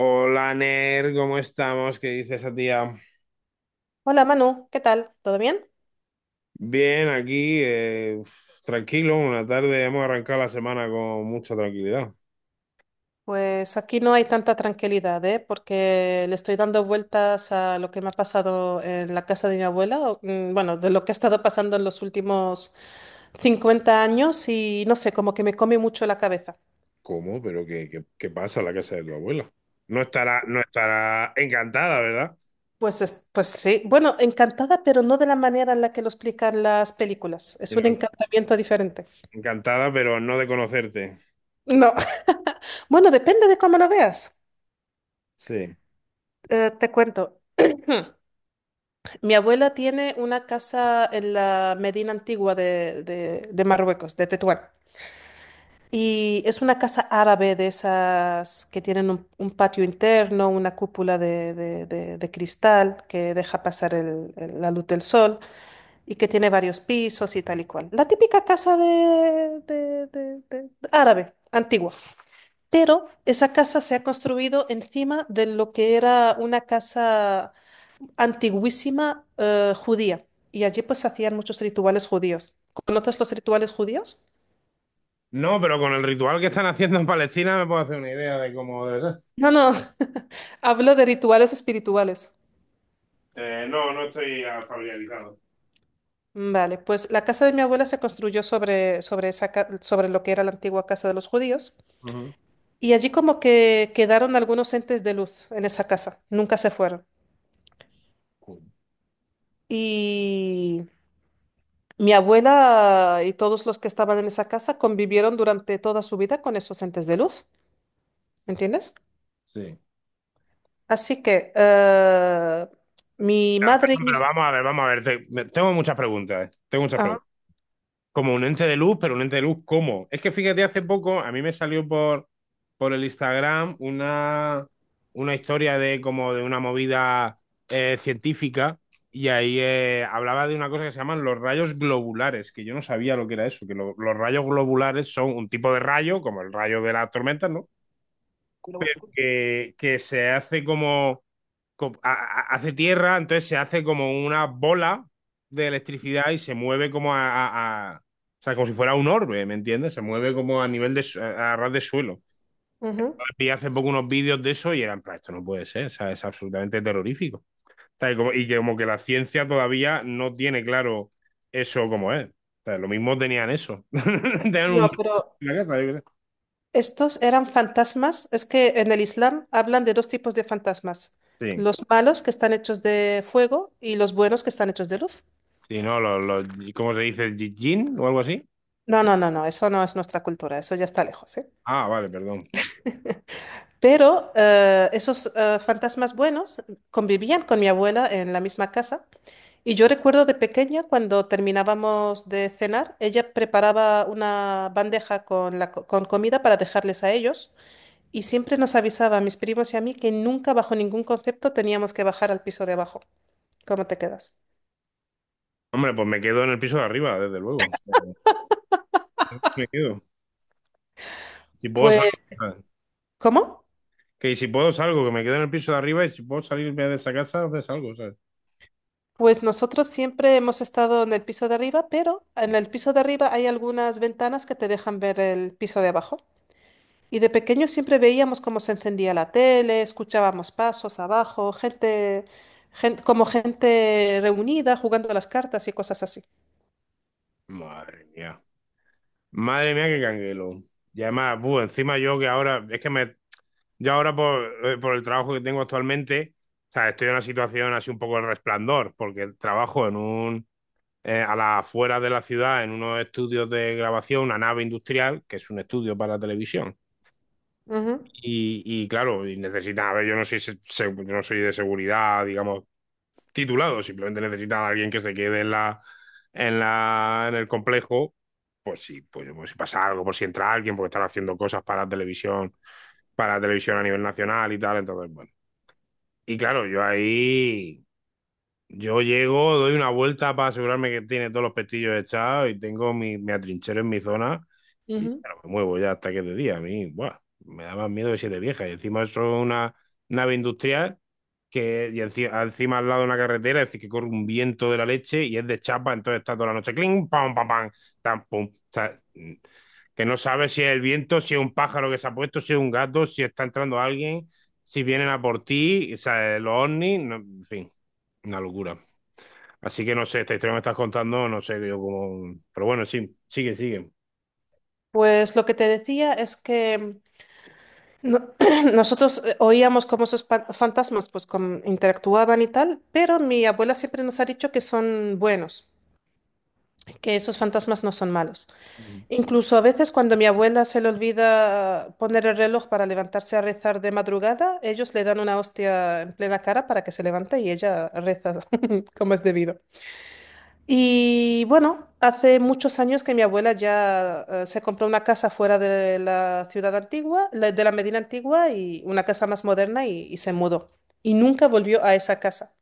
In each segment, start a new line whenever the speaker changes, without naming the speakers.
Hola, Ner, ¿cómo estamos? ¿Qué dice esa tía?
Hola Manu, ¿qué tal? ¿Todo bien?
Bien, aquí, uf, tranquilo, una tarde hemos arrancado la semana con mucha tranquilidad.
Pues aquí no hay tanta tranquilidad, ¿eh? Porque le estoy dando vueltas a lo que me ha pasado en la casa de mi abuela, o, bueno, de lo que ha estado pasando en los últimos 50 años y no sé, como que me come mucho la cabeza.
¿Cómo? ¿Pero qué pasa en la casa de tu abuela? No estará encantada, ¿verdad?
Pues, pues sí, bueno, encantada, pero no de la manera en la que lo explican las películas. Es
Sino
un encantamiento diferente.
encantada, pero no de conocerte.
No, bueno, depende de cómo lo veas.
Sí.
Te cuento. Mi abuela tiene una casa en la Medina Antigua de, de Marruecos, de Tetuán. Y es una casa árabe de esas que tienen un patio interno, una cúpula de, de cristal que deja pasar la luz del sol y que tiene varios pisos y tal y cual. La típica casa de, de árabe, antigua. Pero esa casa se ha construido encima de lo que era una casa antiguísima judía y allí pues se hacían muchos rituales judíos. ¿Conoces los rituales judíos?
No, pero con el ritual que están haciendo en Palestina me puedo hacer una idea de cómo debe ser.
No, no, hablo de rituales espirituales.
No estoy familiarizado.
Vale, pues la casa de mi abuela se construyó sobre, sobre, sobre lo que era la antigua casa de los judíos
Ujú.
y allí como que quedaron algunos entes de luz en esa casa, nunca se fueron.
Cool.
Y mi abuela y todos los que estaban en esa casa convivieron durante toda su vida con esos entes de luz, ¿entiendes?
Sí.
Así que mi madre y
Pero
mis...
vamos a ver. Tengo muchas preguntas. Tengo muchas
Ah,
preguntas. Como un ente de luz, pero un ente de luz, ¿cómo? Es que fíjate, hace poco a mí me salió por el Instagram una historia de como de una movida científica y ahí hablaba de una cosa que se llaman los rayos globulares, que yo no sabía lo que era eso, que los rayos globulares son un tipo de rayo, como el rayo de las tormentas, ¿no? Que se hace como, hace tierra, entonces se hace como una bola de electricidad y se mueve como o sea, como si fuera un orbe, ¿me entiendes? Se mueve como a nivel de, a ras de suelo.
ujú.
Vi hace poco unos vídeos de eso y eran, "Pero esto no puede ser, o sea, es absolutamente terrorífico. O sea, y como, y que como que la ciencia todavía no tiene claro eso como es. O sea, lo mismo tenían eso. Tenían un...
No, pero
la guerra, yo qué
estos eran fantasmas. Es que en el Islam hablan de dos tipos de fantasmas.
sé. Sí,
Los malos que están hechos de fuego y los buenos que están hechos de luz.
sí, no, ¿cómo se dice? ¿Jin o algo así?
No, no, no, no, eso no es nuestra cultura, eso ya está lejos, ¿eh?
Ah, vale, perdón.
Pero esos fantasmas buenos convivían con mi abuela en la misma casa. Y yo recuerdo de pequeña, cuando terminábamos de cenar, ella preparaba una bandeja con comida para dejarles a ellos y siempre nos avisaba a mis primos y a mí que nunca bajo ningún concepto teníamos que bajar al piso de abajo. ¿Cómo te quedas?
Hombre, pues me quedo en el piso de arriba, desde luego. Me quedo. Si puedo
Pues,
salgo, ¿sabes?
¿cómo?
Que si puedo salgo, que me quedo en el piso de arriba y si puedo salirme de esa casa, pues salgo, ¿sabes?
Pues nosotros siempre hemos estado en el piso de arriba, pero en el piso de arriba hay algunas ventanas que te dejan ver el piso de abajo. Y de pequeños siempre veíamos cómo se encendía la tele, escuchábamos pasos abajo, como gente reunida jugando a las cartas y cosas así.
Madre mía. Madre mía, qué canguelo. Y además, buh, encima yo que ahora, es que me, yo ahora por el trabajo que tengo actualmente, o sea, estoy en una situación así un poco de resplandor, porque trabajo en un, a las afueras de la ciudad, en unos estudios de grabación, una nave industrial, que es un estudio para televisión.
Ujú.
Y claro, y necesitan, a ver, yo no soy, yo no soy de seguridad, digamos, titulado, simplemente necesitan a alguien que se quede en el complejo, pues sí, pues, pues si pasa algo, por si entra alguien, porque están haciendo cosas para la televisión a nivel nacional y tal, entonces, bueno. Y claro, yo ahí. Yo llego, doy una vuelta para asegurarme que tiene todos los pestillos echados y tengo mi, me atrinchero en mi zona y
Ujú.
claro, me muevo ya hasta que es de día. A mí, buah, me da más miedo que siete viejas. Y encima eso es una nave industrial que y encima, al lado de una carretera, es decir, que corre un viento de la leche y es de chapa, entonces está toda la noche cling, pam, pam, pam, tam, pum. O sea, que no sabes si es el viento, si es un pájaro que se ha puesto, si es un gato, si está entrando alguien, si vienen a por ti, o sea, los ovnis, en fin, una locura. Así que no sé, esta historia que me estás contando, no sé yo cómo. Pero bueno, sí, sigue, sigue.
Pues lo que te decía es que no- nosotros oíamos cómo esos fantasmas pues interactuaban y tal, pero mi abuela siempre nos ha dicho que son buenos, que esos fantasmas no son malos.
Ujú.
Incluso a veces cuando a mi abuela se le olvida poner el reloj para levantarse a rezar de madrugada, ellos le dan una hostia en plena cara para que se levante y ella reza como es debido. Y bueno, hace muchos años que mi abuela ya se compró una casa fuera de la ciudad antigua, de la Medina antigua y una casa más moderna y se mudó. Y nunca volvió a esa casa,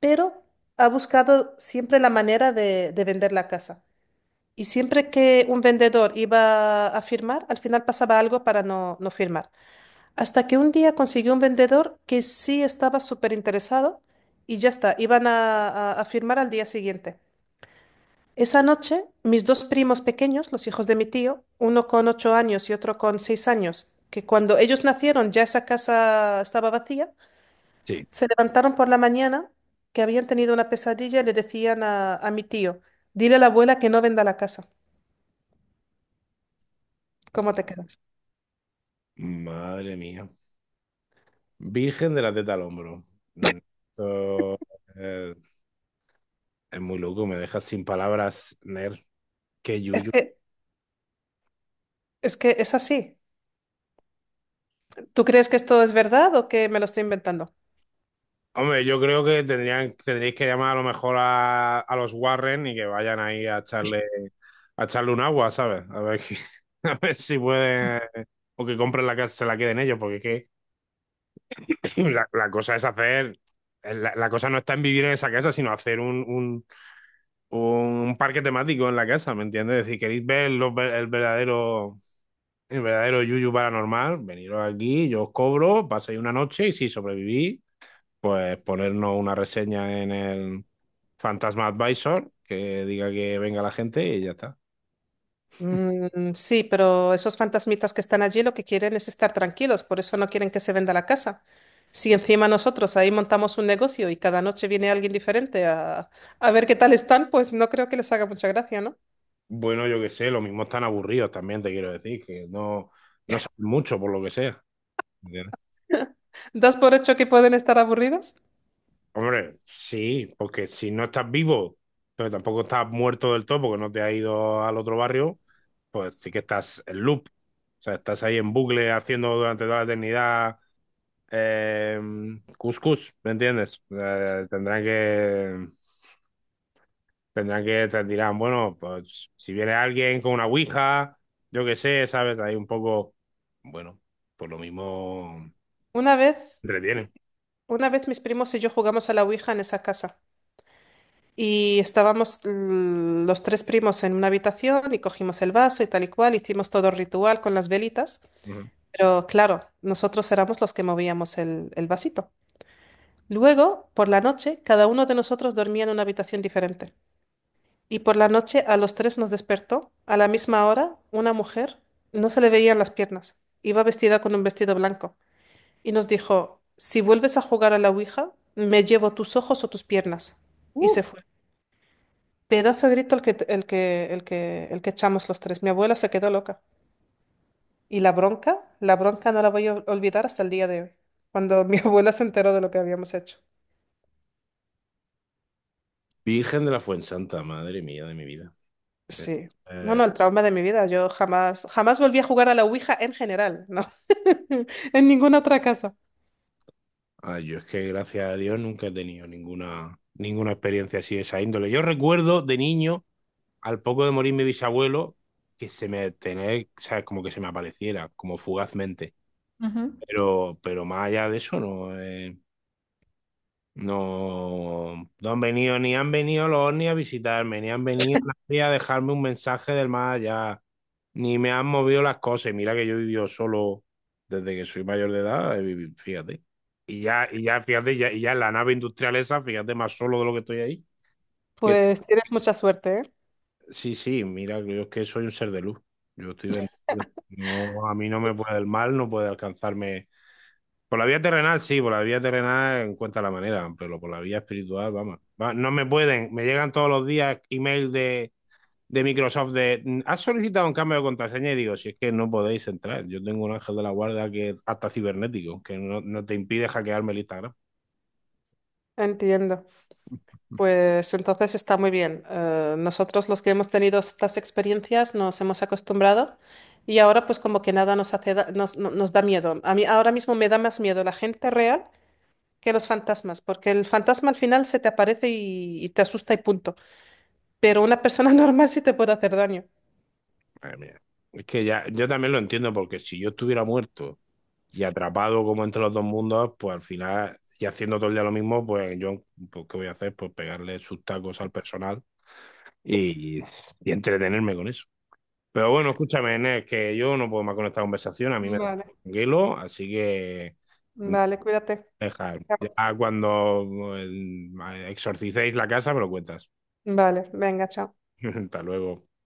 pero ha buscado siempre la manera de vender la casa. Y siempre que un vendedor iba a firmar, al final pasaba algo para no firmar. Hasta que un día consiguió un vendedor que sí estaba súper interesado y ya está, iban a firmar al día siguiente. Esa noche, mis dos primos pequeños, los hijos de mi tío, uno con 8 años y otro con 6 años, que cuando ellos nacieron ya esa casa estaba vacía,
Sí.
se levantaron por la mañana que habían tenido una pesadilla y le decían a mi tío, dile a la abuela que no venda la casa. ¿Cómo te quedas?
Madre mía. Virgen de la teta al hombro. Mm, Esto eh, es muy loco, me dejas sin palabras, Ner. Qué
Es
yuyu.
que es que es así. ¿Tú crees que esto es verdad o que me lo estoy inventando?
Hombre, yo creo que tendrían, tendréis que llamar a lo mejor a los Warren y que vayan ahí a echarle un agua, ¿sabes? A ver, que a ver si pueden. O que compren la casa, se la queden ellos, porque es que la cosa es hacer, la cosa no está en vivir en esa casa, sino hacer un parque temático en la casa, ¿me entiendes? Es decir, queréis ver el verdadero yuyu paranormal, veniros aquí, yo os cobro, paséis una noche y si sobrevivís, pues ponernos una reseña en el Fantasma Advisor que diga que venga la gente y ya está.
Mm, sí, pero esos fantasmitas que están allí lo que quieren es estar tranquilos, por eso no quieren que se venda la casa. Si encima nosotros ahí montamos un negocio y cada noche viene alguien diferente a ver qué tal están, pues no creo que les haga mucha gracia, ¿no?
Bueno, yo qué sé, lo mismo están aburridos también, te quiero decir, que no, no saben mucho por lo que sea.
¿Das por hecho que pueden estar aburridos?
Hombre, sí, porque si no estás vivo, pero tampoco estás muerto del todo porque no te has ido al otro barrio, pues sí que estás en loop. O sea, estás ahí en bucle haciendo durante toda la eternidad eh, cuscús, ¿me entiendes? Te dirán, bueno, pues si viene alguien con una ouija, yo qué sé, ¿sabes? Ahí un poco, bueno, pues lo mismo
Una vez,
retiene.
una vez mis primos y yo jugamos a la Ouija en esa casa. Y estábamos los tres primos en una habitación y cogimos el vaso y tal y cual, hicimos todo el ritual con las velitas,
Ujú.
pero claro, nosotros éramos los que movíamos el vasito. Luego, por la noche, cada uno de nosotros dormía en una habitación diferente. Y por la noche a los tres nos despertó, a la misma hora, una mujer, no se le veían las piernas, iba vestida con un vestido blanco, y nos dijo, si vuelves a jugar a la Ouija, me llevo tus ojos o tus piernas. Y
Uh,
se fue. Pedazo de grito el que echamos los tres. Mi abuela se quedó loca. Y la bronca no la voy a olvidar hasta el día de hoy, cuando mi abuela se enteró de lo que habíamos hecho.
Virgen de la Fuensanta, madre mía de mi vida.
Sí. No,
Eh,
no, el trauma de mi vida. Yo jamás, jamás volví a jugar a la Ouija en general, ¿no? En ninguna otra casa.
Ah, yo es que gracias a Dios nunca he tenido ninguna experiencia así de esa índole. Yo recuerdo de niño, al poco de morir mi bisabuelo, que se me tener, sabes como que se me apareciera, como fugazmente.
Ujú.
Pero más allá de eso, no. No, no han venido, ni han venido los ovnis a visitarme, ni han venido nadie a dejarme un mensaje del más allá, ni me han movido las cosas. Y mira que yo he vivido solo desde que soy mayor de edad, he vivido, fíjate. Fíjate, y ya en la nave industrial esa, fíjate, más solo de lo que estoy ahí. Que,
Pues tienes mucha suerte, ¿eh?
sí, sí, mira, yo es que soy un ser de luz. Yo estoy bendecido. No, a mí no me puede el mal, no puede alcanzarme por la vía terrenal, sí, por la vía terrenal encuentra la manera, pero por la vía espiritual, vamos. No me pueden, me llegan todos los días email de Microsoft de, ¿has solicitado un cambio de contraseña? Y digo, si es que no podéis entrar, yo tengo un ángel de la guarda que es hasta cibernético, que no, no te impide hackearme el Instagram.
Entiendo. Pues entonces está muy bien. Nosotros los que hemos tenido estas experiencias nos hemos acostumbrado y ahora pues como que nada nos hace da- nos, no- nos da miedo. A mí ahora mismo me da más miedo la gente real que los fantasmas, porque el fantasma al final se te aparece y te asusta y punto. Pero una persona normal sí te puede hacer daño.
Madre mía. Es que ya, yo también lo entiendo, porque si yo estuviera muerto y atrapado como entre los dos mundos, pues al final, y haciendo todo el día lo mismo, pues yo, pues, ¿qué voy a hacer? Pues pegarle sus tacos al personal y, y entretenerme con eso. Pero bueno, escúchame, Enes, que yo no puedo más con esta conversación, a mí me da
Vale,
tranquilo, así que mm,
vale, cuídate.
deja, ya
Chao.
cuando exorcicéis la casa me lo cuentas.
Vale, venga, chao.
Hasta luego.